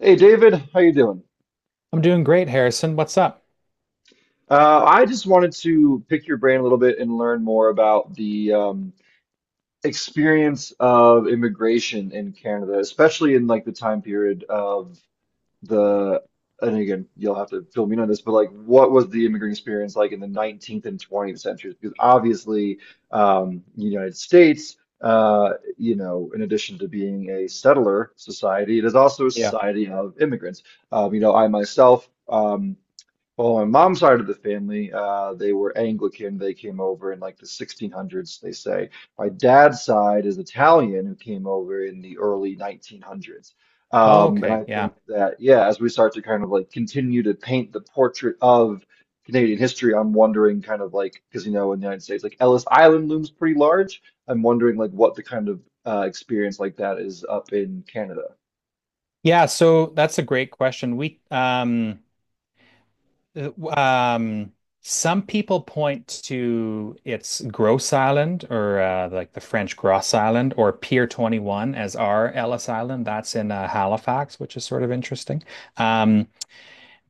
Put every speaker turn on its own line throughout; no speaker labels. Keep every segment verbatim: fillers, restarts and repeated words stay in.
Hey David, how you doing?
I'm doing great, Harrison. What's up?
Uh, I just wanted to pick your brain a little bit and learn more about the um, experience of immigration in Canada, especially in like the time period of the, and again, you'll have to fill me in on this, but like what was the immigrant experience like in the nineteenth and twentieth centuries? Because obviously, um, the United States, uh, you know, in addition to being a settler society, it is also a
Yeah.
society of immigrants. Um, you know, I myself. Um, Well, on mom's side of the family, uh, they were Anglican. They came over in like the sixteen hundreds, they say. My dad's side is Italian, who came over in the early nineteen hundreds.
Oh,
Um, and
okay.
I
Yeah.
think that, yeah, as we start to kind of like continue to paint the portrait of Canadian history, I'm wondering kind of like, because you know, in the United States, like Ellis Island looms pretty large. I'm wondering like what the kind of uh, experience like that is up in Canada.
Yeah, so that's a great question. We um uh, um some people point to it's Grosse Island or uh, like the French Grosse Island or Pier twenty-one as our Ellis Island. That's in uh, Halifax, which is sort of interesting. Um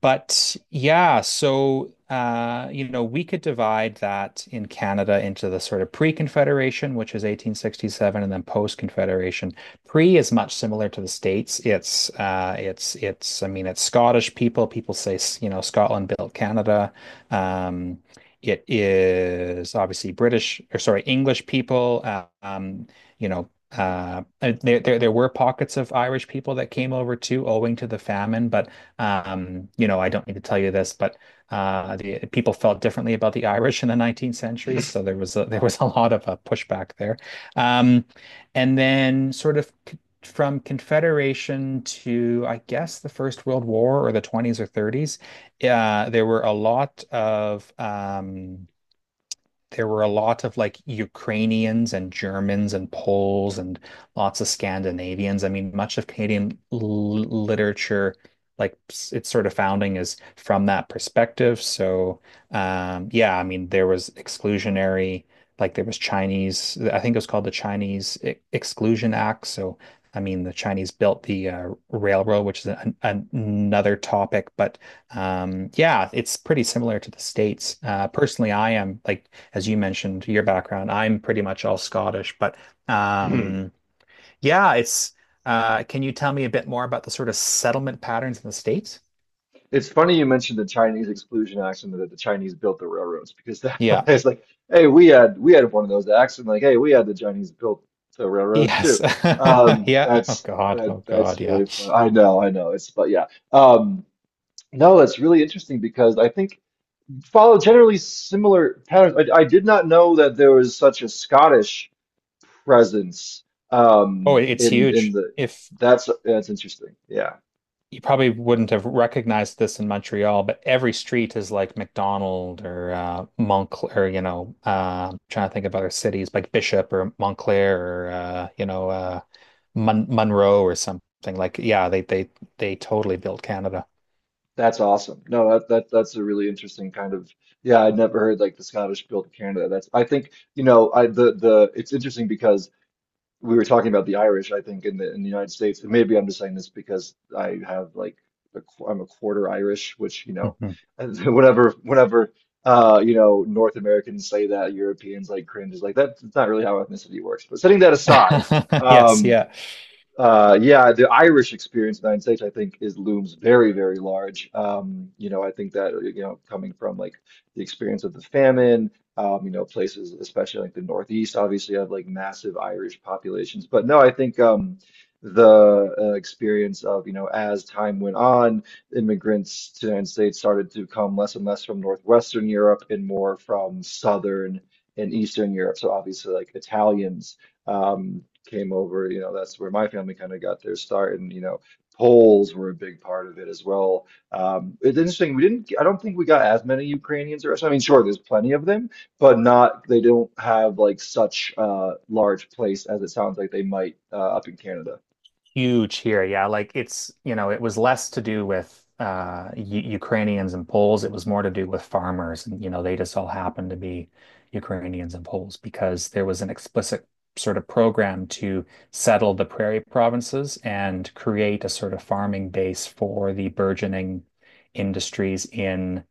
But yeah, so uh, you know, we could divide that in Canada into the sort of pre-Confederation, which is eighteen sixty-seven, and then post-Confederation. Pre is much similar to the States. It's uh, it's it's I mean, it's Scottish people. People say, you know, Scotland built Canada. Um, it is obviously British, or sorry, English people. uh, Um, you know, uh, there, there there were pockets of Irish people that came over too, owing to the famine. but um, you know, I don't need to tell you this, but uh, the people felt differently about the Irish in the nineteenth century, so there was a, there was a lot of uh, pushback there. Um, and then, sort of from Confederation to, I guess, the First World War or the twenties or thirties, uh, there were a lot of um, there were a lot of like Ukrainians and Germans and Poles and lots of Scandinavians. I mean, much of Canadian l literature, like s- its sort of founding, is from that perspective. So, um, yeah, I mean, there was exclusionary, like there was Chinese, I think it was called the Chinese E- Exclusion Act. So, I mean, the Chinese built the uh, railroad, which is an, an- another topic. But um, yeah, it's pretty similar to the States. Uh, personally, I am, like as you mentioned your background, I'm pretty much all Scottish. But um, yeah, it's. Uh, can you tell me a bit more about the sort of settlement patterns in the States?
It's funny you mentioned the Chinese exclusion axiom that the Chinese built the railroads because that
Yeah.
it's like, hey, we had we had one of those acts, and like, hey, we had the Chinese built the railroads too.
Yes.
Um,
Yeah. Oh
that's
God.
that
Oh God.
that's
Yeah.
really fun. I know, I know. It's but yeah. Um, no, it's really interesting because I think follow generally similar patterns. I, I did not know that there was such a Scottish presence
Oh,
um
it's
in in
huge.
the
If
that's that's interesting. Yeah.
you probably wouldn't have recognized this in Montreal, but every street is like McDonald or uh, Montclair, or, you know, uh, I'm trying to think of other cities like Bishop or Montclair or uh, you know uh, Mon Monroe or something. Like, yeah, they they they totally built Canada.
That's awesome. No, that, that that's a really interesting kind of yeah, I'd never heard like the Scottish built Canada. That's I think, you know, I the the it's interesting because we were talking about the Irish, I think, in the in the United States. And maybe I'm just saying this because I have like a, qu- I'm a quarter Irish, which, you know,
Mhm.
whenever whenever uh, you know, North Americans say that, Europeans like cringe is like that's, that's not really how ethnicity works. But setting that aside,
Yes,
um
yeah.
uh, yeah, the Irish experience in the United States, I think, is looms very, very large. Um, you know, I think that, you know, coming from like the experience of the famine, um, you know, places, especially like the Northeast, obviously have like massive Irish populations. But no, I think um, the uh, experience of, you know, as time went on, immigrants to the United States started to come less and less from Northwestern Europe and more from Southern and Eastern Europe. So obviously like Italians um, came over. You know, that's where my family kind of got their start, and you know, Poles were a big part of it as well. Um, it's interesting. We didn't. I don't think we got as many Ukrainians or Russians. I mean, sure, there's plenty of them, but not. They don't have like such a large place as it sounds like they might uh, up in Canada.
Huge here. Yeah, like it's, you know, it was less to do with uh U Ukrainians and Poles. It was more to do with farmers, and you know, they just all happened to be Ukrainians and Poles because there was an explicit sort of program to settle the prairie provinces and create a sort of farming base for the burgeoning industries in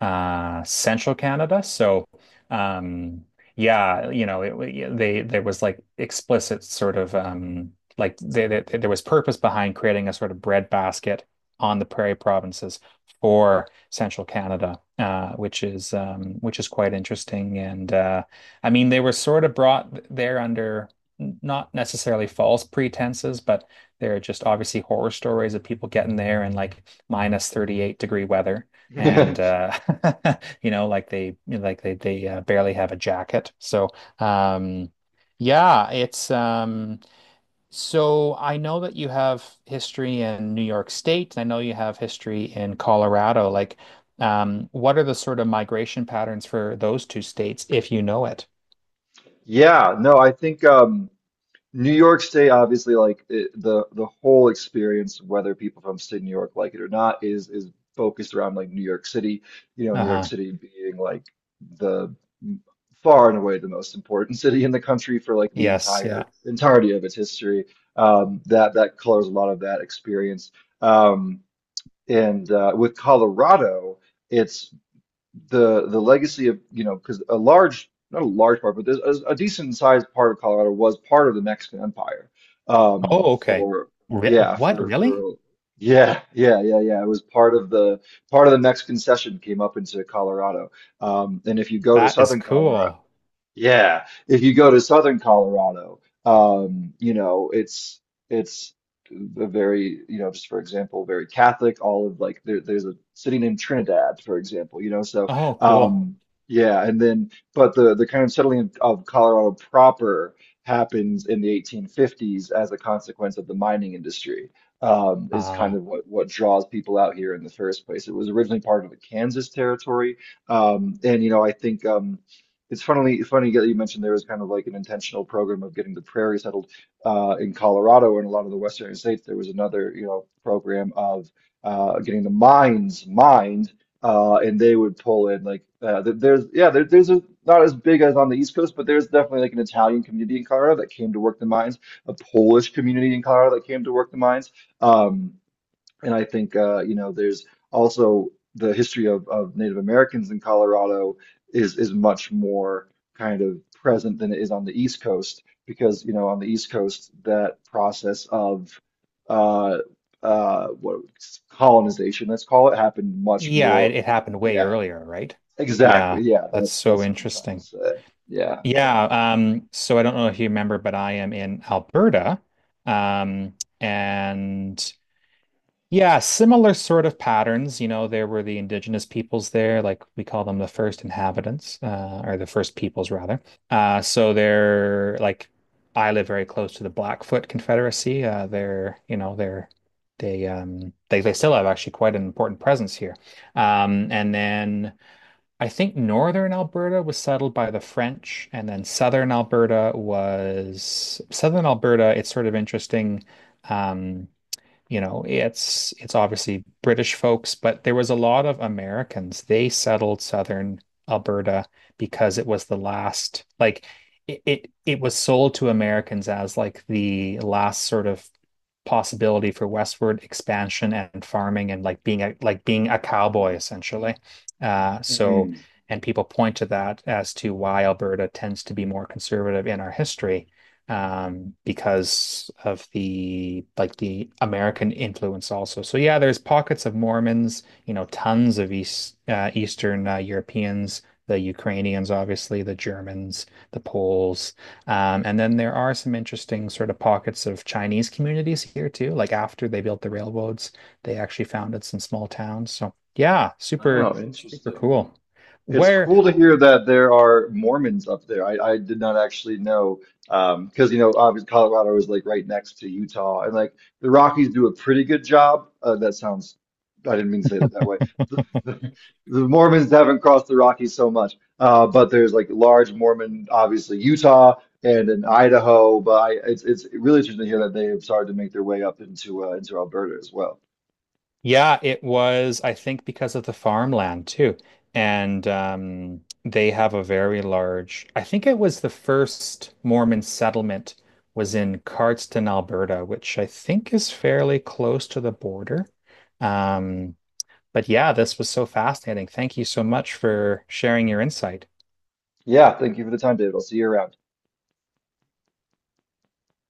uh central Canada. So, um yeah, you know, it, they there was like explicit sort of um like they, they, there was purpose behind creating a sort of breadbasket on the prairie provinces for central Canada, uh, which is um, which is quite interesting. And uh, I mean, they were sort of brought there under not necessarily false pretenses, but there are just obviously horror stories of people getting there in like minus thirty-eight degree weather. And uh, you know, like they like they they uh, barely have a jacket. So um, yeah, it's um, so I know that you have history in New York State, and I know you have history in Colorado. Like, um, what are the sort of migration patterns for those two states, if you know it?
Yeah. No, I think. Um, New York State, obviously, like it, the the whole experience, whether people from state New York like it or not, is is focused around like New York City. You know, New York
Uh-huh.
City being like the far and away the most important city in the country for like the
Yes, yeah.
entire entirety of its history. Um, that that colors a lot of that experience. Um, and uh, with Colorado, it's the the legacy of you know because a large not a large part but there's a, a decent sized part of Colorado was part of the Mexican Empire um
Oh, okay.
for
Re
yeah
what,
for
really?
for yeah yeah yeah yeah it was part of the part of the Mexican cession came up into Colorado um and if you go to
That is
southern Colorado
cool.
yeah, if you go to southern Colorado, um, you know, it's it's a very, you know, just for example, very Catholic. All of like there, there's a city named Trinidad, for example, you know. So,
Oh, cool.
um, yeah, and then but the the kind of settling of Colorado proper happens in the eighteen fifties as a consequence of the mining industry. Um, is kind
Uh,
of what what draws people out here in the first place. It was originally part of the Kansas territory, um, and you know, I think. Um, it's funnily funny that you mentioned there was kind of like an intentional program of getting the prairie settled uh, in Colorado and a lot of the western states. There was another, you know, program of uh, getting the mines mined, uh, and they would pull in like uh, th- there's yeah there, there's a, not as big as on the East Coast, but there's definitely like an Italian community in Colorado that came to work the mines, a Polish community in Colorado that came to work the mines. Um, and I think uh, you know, there's also the history of, of Native Americans in Colorado is is much more kind of present than it is on the East Coast because you know on the East Coast that process of uh, uh, what colonization let's call it happened much
yeah, it,
more.
it happened way
Yeah,
earlier, right? Yeah,
exactly. Yeah,
that's
that's
so
that's what I'm trying to
interesting.
say. Yeah, yeah.
Yeah, um, so I don't know if you remember, but I am in Alberta. Um, and Yeah, similar sort of patterns. You know, there were the indigenous peoples there, like we call them the first inhabitants, uh, or the first peoples rather. Uh, so they're like, I live very close to the Blackfoot Confederacy. Uh, they're, you know, they're they um they they still have actually quite an important presence here. Um, and then I think northern Alberta was settled by the French, and then southern Alberta was southern Alberta. It's sort of interesting. Um, you know, it's it's obviously British folks, but there was a lot of Americans. They settled southern Alberta because it was the last, like it it, it was sold to Americans as like the last sort of possibility for westward expansion and farming and like being a like being a cowboy essentially. Uh, so
Hmm.
and people point to that as to why Alberta tends to be more conservative in our history um, because of the like the American influence also. So yeah, there's pockets of Mormons, you know, tons of East uh, Eastern uh, Europeans, the Ukrainians, obviously, the Germans, the Poles, um, and then there are some interesting sort of pockets of Chinese communities here too. Like after they built the railroads, they actually founded some small towns. So yeah, super
Wow,
super
interesting.
cool.
It's
Where
cool to hear that there are Mormons up there. I, I did not actually know um, because you know obviously Colorado is like right next to Utah and like the Rockies do a pretty good job. Uh, that sounds I didn't mean to say that that way. The, the, the Mormons haven't crossed the Rockies so much, uh, but there's like large Mormon obviously Utah and in Idaho. But I, it's it's really interesting to hear that they have started to make their way up into uh, into Alberta as well.
Yeah, it was, I think, because of the farmland too. And um, they have a very large, I think it was the first Mormon settlement was in Cardston, Alberta, which I think is fairly close to the border. Um, but yeah, this was so fascinating. Thank you so much for sharing your insight.
Yeah, thank you for the time, David. I'll see you around.